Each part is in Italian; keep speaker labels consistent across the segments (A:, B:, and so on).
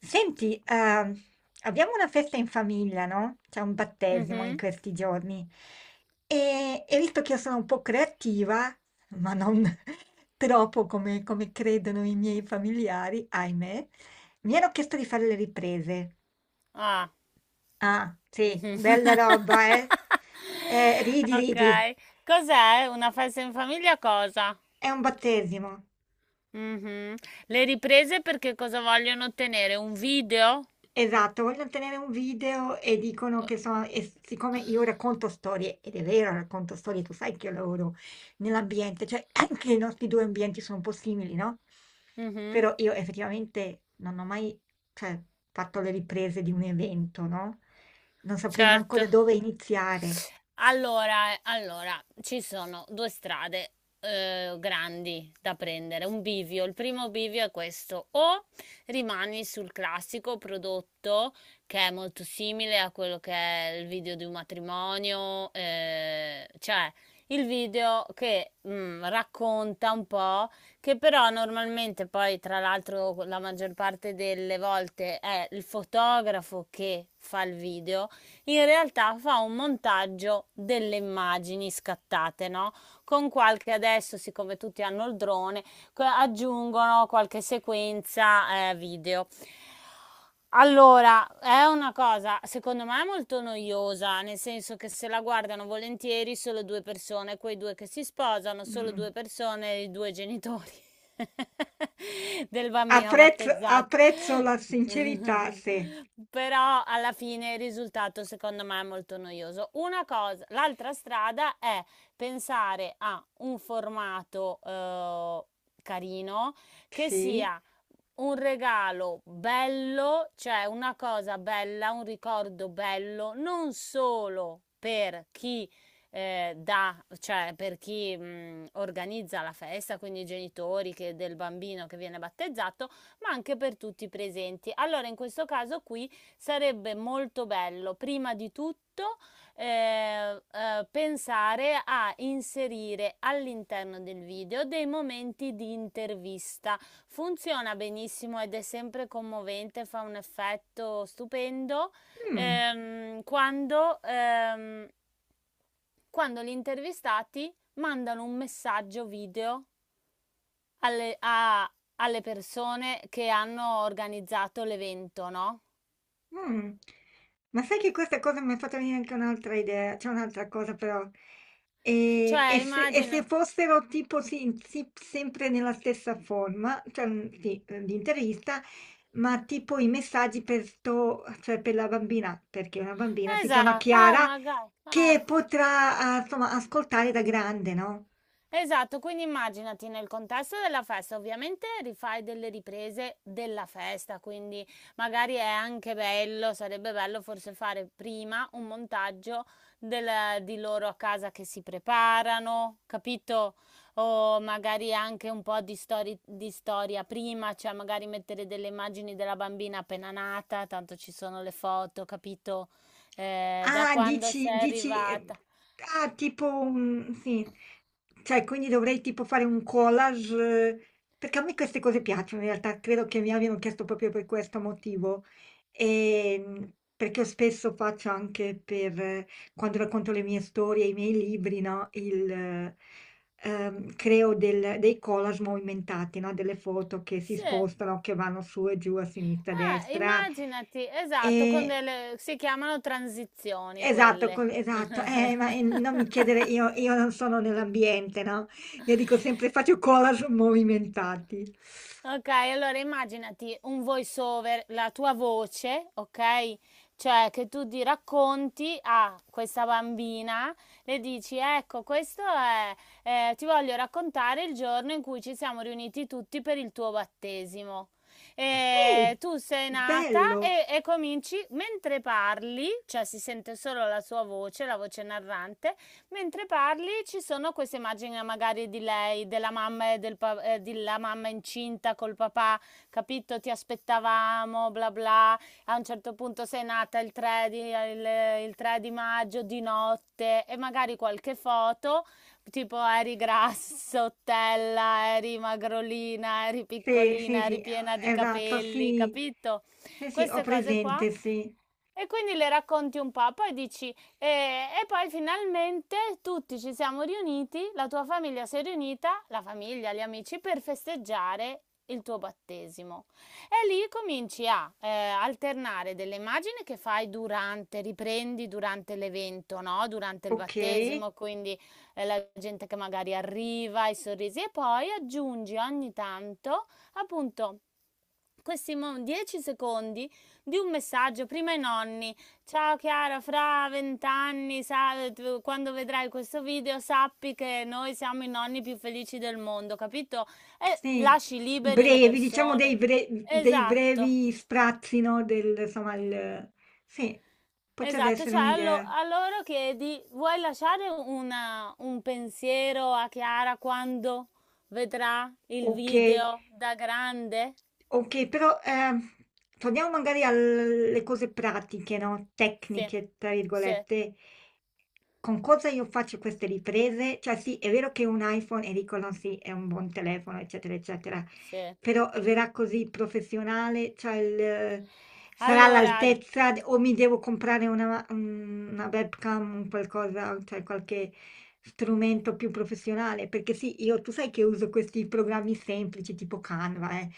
A: Senti, abbiamo una festa in famiglia, no? C'è un battesimo in
B: Mh-mh.
A: questi giorni. E visto che io sono un po' creativa, ma non troppo come credono i miei familiari, ahimè, mi hanno chiesto di fare le riprese.
B: Ah.
A: Ah, sì,
B: Mh-mh.
A: bella roba, eh? Ridi, ridi.
B: Okay. Cos'è? Una festa in famiglia cosa?
A: È un battesimo.
B: Mh-mh. Le riprese perché cosa vogliono ottenere? Un video?
A: Esatto, vogliono tenere un video e dicono che sono, siccome io racconto storie, ed è vero, racconto storie, tu sai che io lavoro nell'ambiente, cioè anche i nostri due ambienti sono un po' simili, no?
B: Mh-mh.
A: Però io effettivamente non ho mai, cioè, fatto le riprese di un evento, no? Non saprei manco da
B: Certo.
A: dove iniziare.
B: Allora, ci sono 2 strade, grandi da prendere, un bivio. Il primo bivio è questo: o rimani sul classico prodotto che è molto simile a quello che è il video di un matrimonio, cioè il video che, racconta un po', che però normalmente poi tra l'altro la maggior parte delle volte è il fotografo che fa il video, in realtà fa un montaggio delle immagini scattate, no? Con qualche, adesso siccome tutti hanno il drone, aggiungono qualche sequenza video. Allora, è una cosa secondo me molto noiosa, nel senso che se la guardano volentieri solo due persone, quei due che si sposano, solo
A: Mm.
B: due persone, i due genitori del bambino
A: Apprezzo,
B: battezzato.
A: apprezzo la sincerità, sì.
B: Però alla fine il risultato secondo me è molto noioso. Una cosa, l'altra strada è pensare a un formato carino, che
A: Sì.
B: sia un regalo bello, cioè una cosa bella, un ricordo bello, non solo per chi cioè per chi organizza la festa, quindi i genitori del bambino che viene battezzato, ma anche per tutti i presenti. Allora, in questo caso qui sarebbe molto bello, prima di tutto, eh, eh, pensare a inserire all'interno del video dei momenti di intervista. Funziona benissimo ed è sempre commovente, fa un effetto stupendo,
A: Mm.
B: ehm, quando, ehm, quando gli intervistati mandano un messaggio video alle, a- alle persone che hanno organizzato l'evento, no?
A: Mm. Ma sai che questa cosa mi ha fatto venire anche un'altra idea, c'è un'altra cosa però. E,
B: Cioè,
A: e se, e se
B: immagina,
A: fossero tipo sì, sì, sempre nella stessa forma, cioè sì, di intervista, ma tipo i messaggi per, sto, cioè per la bambina, perché una bambina si chiama
B: esatto, ah,
A: Chiara,
B: magari, ah.
A: che potrà insomma, ascoltare da grande, no?
B: Esatto, quindi immaginati nel contesto della festa, ovviamente rifai delle riprese della festa, quindi magari è anche bello, sarebbe bello forse fare prima un montaggio di loro a casa che si preparano, capito? O magari anche un po' di storia prima, cioè magari mettere delle immagini della bambina appena nata, tanto ci sono le foto, capito? Da
A: Ah,
B: quando
A: dici,
B: sei
A: dici,
B: arrivata.
A: ah, tipo, sì, cioè, quindi dovrei tipo fare un collage, eh, perché a me queste cose piacciono, in realtà, credo che mi abbiano chiesto proprio per questo motivo, e, perché io spesso faccio anche per, quando racconto le mie storie, i miei libri, no, creo dei collage movimentati, no, delle foto che si
B: Sì.
A: spostano, che vanno su e giù, a sinistra, a destra,
B: Immaginati, esatto, con
A: e...
B: delle, si chiamano transizioni
A: Esatto,
B: quelle.
A: esatto, ma non mi chiedere, io non sono nell'ambiente, no? Io dico sempre faccio collage movimentati.
B: Okay, allora immaginati un voice over, la tua voce, okay, cioè che tu ti racconti a questa bambina, le dici: "Ecco, questo è ti voglio raccontare il giorno in cui ci siamo riuniti tutti per il tuo battesimo.
A: Sì,
B: Tu sei nata"
A: bello,
B: e cominci mentre parli, cioè si sente solo la sua voce, la voce narrante. Mentre parli ci sono queste immagini magari di lei, della mamma e del della mamma incinta col papà, capito? Ti aspettavamo, bla bla. A un certo punto sei nata il il 3 di maggio di notte, e magari qualche foto, tipo eri grassottella, eri magrolina, eri
A: sì, sì,
B: piccolina, eri
A: sì,
B: piena di
A: esatto,
B: capelli,
A: sì,
B: capito?
A: sì, sì, ho
B: Queste cose qua,
A: presente, sì,
B: e quindi le racconti un po', poi dici, e poi finalmente tutti ci siamo riuniti, la tua famiglia si è riunita, la famiglia, gli amici, per festeggiare il tuo battesimo. E lì cominci a alternare delle immagini che fai durante, riprendi durante l'evento, no? Durante il
A: ok,
B: battesimo, quindi la gente che magari arriva, i sorrisi, e poi aggiungi ogni tanto, appunto, questi 10 secondi di un messaggio prima ai nonni. Ciao Chiara, fra 20 anni, quando vedrai questo video, sappi che noi siamo i nonni più felici del mondo, capito? E
A: sì,
B: lasci liberi le
A: brevi, diciamo
B: persone.
A: dei
B: Esatto,
A: brevi sprazzi, no? Del, insomma, il, sì, potrebbe
B: esatto.
A: essere
B: Cioè,
A: un'idea,
B: a loro chiedi, vuoi lasciare un pensiero a Chiara quando vedrà il
A: ok.
B: video da grande?
A: Ok, però torniamo magari alle cose pratiche, no?
B: Sì,
A: Tecniche, tra
B: sì,
A: virgolette. Con cosa io faccio queste riprese? Cioè sì, è vero che un iPhone, e dicono sì, è un buon telefono, eccetera, eccetera,
B: sì.
A: però verrà così professionale, cioè sarà
B: Allora,
A: all'altezza o mi devo comprare una webcam, un qualcosa, cioè qualche strumento più professionale, perché sì, io tu sai che uso questi programmi semplici tipo Canva, eh.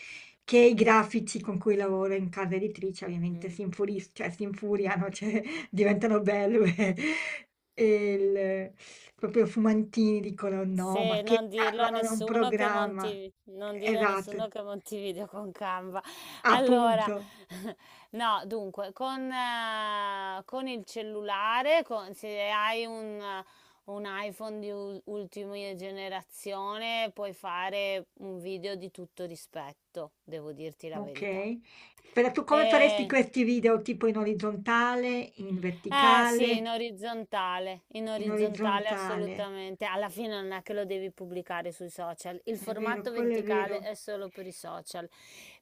A: Che i grafici con cui lavoro in casa editrice ovviamente si
B: mm.
A: infuris cioè si infuriano, cioè diventano belve e il proprio Fumantini dicono: "No,
B: Se
A: ma che
B: non dirlo a
A: calvano da un
B: nessuno che
A: programma".
B: Non dire a
A: Esatto,
B: nessuno che Montevideo con Canva. Allora,
A: appunto.
B: no, dunque, con il cellulare, se hai un iPhone di ultima generazione, puoi fare un video di tutto rispetto, devo dirti la verità.
A: Okay. Però tu come faresti questi video, tipo in orizzontale, in
B: Eh sì,
A: verticale?
B: in
A: In
B: orizzontale
A: orizzontale.
B: assolutamente. Alla fine non è che lo devi pubblicare sui social, il
A: È vero,
B: formato
A: quello è
B: verticale
A: vero.
B: è solo per i social.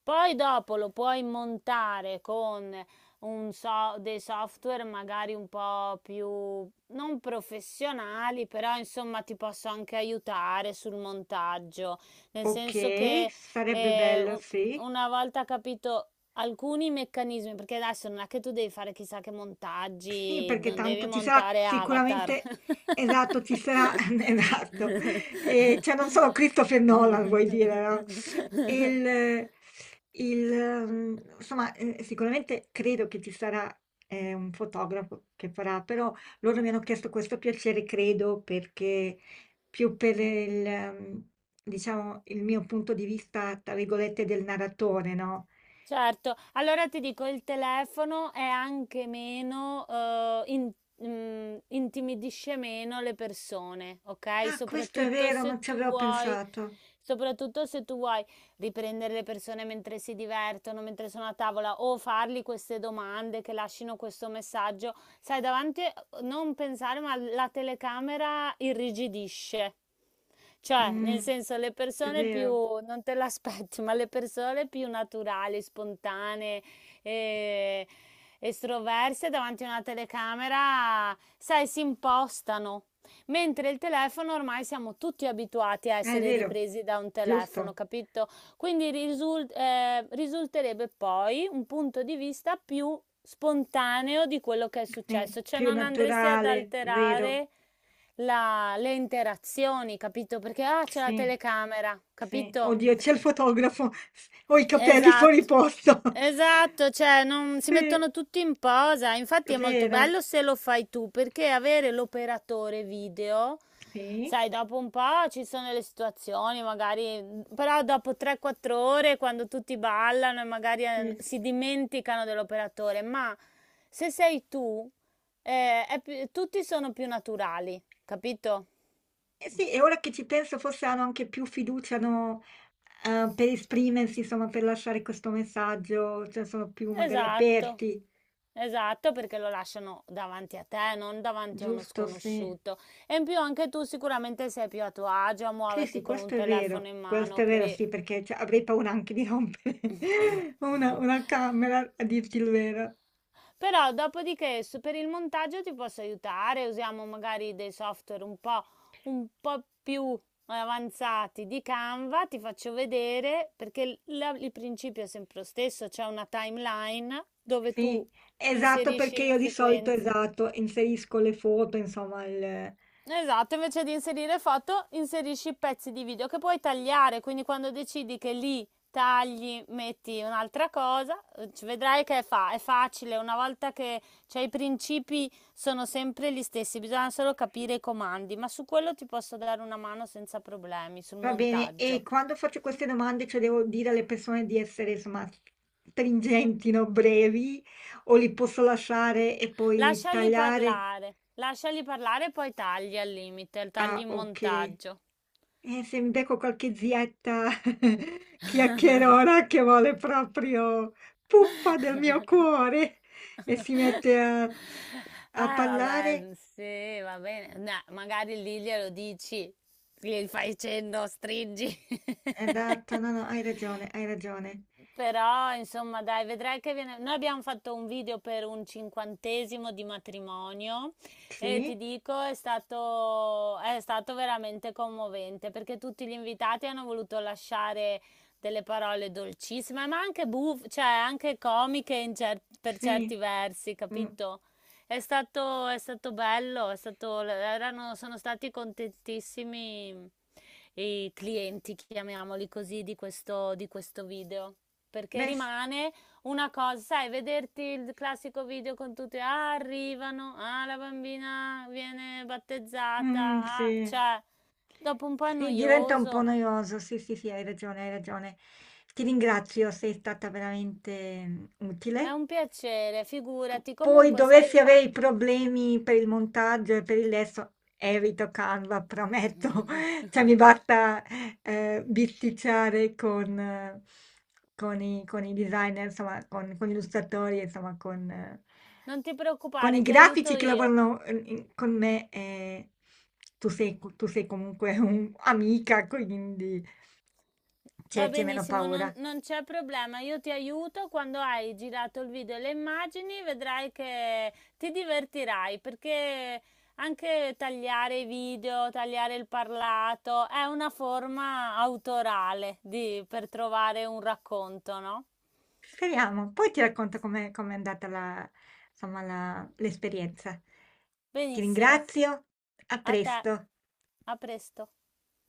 B: Poi dopo lo puoi montare con dei software magari un po' più non professionali, però insomma ti posso anche aiutare sul montaggio, nel senso
A: Okay,
B: che
A: sarebbe
B: eh,
A: bello,
B: un-
A: sì.
B: una volta capito alcuni meccanismi, perché adesso non è che tu devi fare chissà che
A: Sì,
B: montaggi,
A: perché
B: non devi
A: tanto ci sarà
B: montare Avatar.
A: sicuramente, esatto, ci sarà, esatto, e, cioè non solo Christopher Nolan vuoi dire, no? E il, insomma, sicuramente credo che ci sarà un fotografo che farà, però loro mi hanno chiesto questo piacere, credo, perché più per mm, diciamo, il mio punto di vista, tra virgolette, del narratore, no?
B: Certo, allora ti dico, il telefono è anche meno, intimidisce meno le persone, ok?
A: Ah, questo è vero, non ci avevo pensato.
B: Soprattutto se tu vuoi riprendere le persone mentre si divertono, mentre sono a tavola, o fargli queste domande che lasciano questo messaggio, sai, davanti, non pensare, ma la telecamera irrigidisce. Cioè,
A: Mh,
B: nel senso,
A: è vero,
B: non te l'aspetti, ma le persone più naturali, spontanee, eh, estroverse davanti a una telecamera, sai, si impostano. Mentre il telefono ormai siamo tutti abituati a
A: è
B: essere
A: vero,
B: ripresi da un telefono,
A: giusto.
B: capito? Quindi risulterebbe poi un punto di vista più spontaneo di quello che è
A: Sì,
B: successo, cioè
A: più
B: non andresti ad
A: naturale, vero.
B: alterare le interazioni, capito? Perché ah, c'è la
A: Sì,
B: telecamera,
A: sì.
B: capito?
A: Oddio, c'è il fotografo, s ho i capelli fuori
B: Esatto.
A: posto.
B: Esatto, cioè non si
A: Sì,
B: mettono tutti in posa, infatti è molto
A: vero.
B: bello se lo fai tu, perché avere l'operatore video,
A: Sì,
B: sai, dopo un po' ci sono le situazioni, magari, però dopo 3-4 ore, quando tutti ballano e magari
A: sì, sì.
B: si dimenticano dell'operatore, ma se sei tu, tutti sono più naturali, capito?
A: Eh sì, e ora che ci penso forse hanno anche più fiducia, no, per esprimersi, insomma, per lasciare questo messaggio, cioè sono più magari
B: Esatto,
A: aperti,
B: esatto, perché lo lasciano davanti a te, non davanti a uno
A: giusto? Sì.
B: sconosciuto. E in più anche tu sicuramente sei più a tuo agio a
A: Sì,
B: muoverti
A: sì,
B: con un
A: questo è
B: telefono
A: vero.
B: in
A: Questo
B: mano.
A: è vero, sì, perché cioè, avrei paura anche di rompere una camera, a dirti il vero.
B: Però dopodiché per il montaggio ti posso aiutare, usiamo magari dei software un po' più avanzati di Canva, ti faccio vedere perché il principio è sempre lo stesso, c'è una timeline dove tu
A: Sì, esatto,
B: inserisci
A: perché
B: le
A: io di solito,
B: sequenze.
A: esatto, inserisco le foto, insomma,
B: Esatto, invece di inserire foto, inserisci pezzi di video che puoi tagliare, quindi quando decidi che lì tagli, metti un'altra cosa, ci vedrai che è facile, una volta che, cioè, i principi sono sempre gli stessi, bisogna solo capire i comandi, ma su quello ti posso dare una mano senza problemi, sul
A: Va bene. E
B: montaggio.
A: quando faccio queste domande, cioè devo dire alle persone di essere, insomma, stringenti, no? Brevi, o li posso lasciare e poi tagliare?
B: Lasciali parlare e poi tagli al limite, tagli
A: Ah,
B: in
A: ok.
B: montaggio.
A: Se mi becco qualche zietta chiacchierona che vuole proprio puppa del mio cuore e si mette a,
B: Eh
A: a parlare,
B: vabbè, sì, va bene. No, magari lì glielo dici, gli fai cenno, stringi.
A: esatto, no, no, hai ragione, hai ragione.
B: Però, insomma, dai, vedrai che viene... Noi abbiamo fatto un video per un 50º di matrimonio, e ti
A: Sì,
B: dico, è stato veramente commovente perché tutti gli invitati hanno voluto lasciare delle parole dolcissime, ma anche buffe, cioè anche comiche in per certi
A: sì,
B: versi,
A: mm,
B: capito? È stato bello, è stato, erano, sono stati contentissimi i clienti, chiamiamoli così, di di questo video. Perché
A: beh,
B: rimane una cosa, sai, vederti il classico video con tutti, ah, arrivano, ah, la bambina viene battezzata, ah,
A: sì,
B: cioè, dopo un po' è
A: sì, diventa un po'
B: noioso.
A: noioso, sì, sì, sì, hai ragione, hai ragione. Ti ringrazio, sei stata veramente
B: È
A: utile.
B: un piacere,
A: P-
B: figurati.
A: poi
B: Comunque,
A: dovessi
B: se
A: avere i
B: quan-
A: problemi per il montaggio e per il lesso, evito Canva, prometto. Cioè, mi basta bisticciare con, con i designer, insomma, con gli illustratori, insomma,
B: Non ti
A: con i
B: preoccupare, ti
A: grafici
B: aiuto
A: che
B: io.
A: lavorano con me. Tu sei comunque un'amica, quindi
B: Va
A: c'è meno
B: benissimo,
A: paura.
B: non c'è problema. Io ti aiuto quando hai girato il video e le immagini, vedrai che ti divertirai perché anche tagliare i video, tagliare il parlato è una forma autorale per trovare un racconto, no?
A: Speriamo. Poi ti racconto com'è andata la, insomma, l'esperienza. Ti
B: Benissimo,
A: ringrazio, a
B: a te,
A: presto.
B: a presto.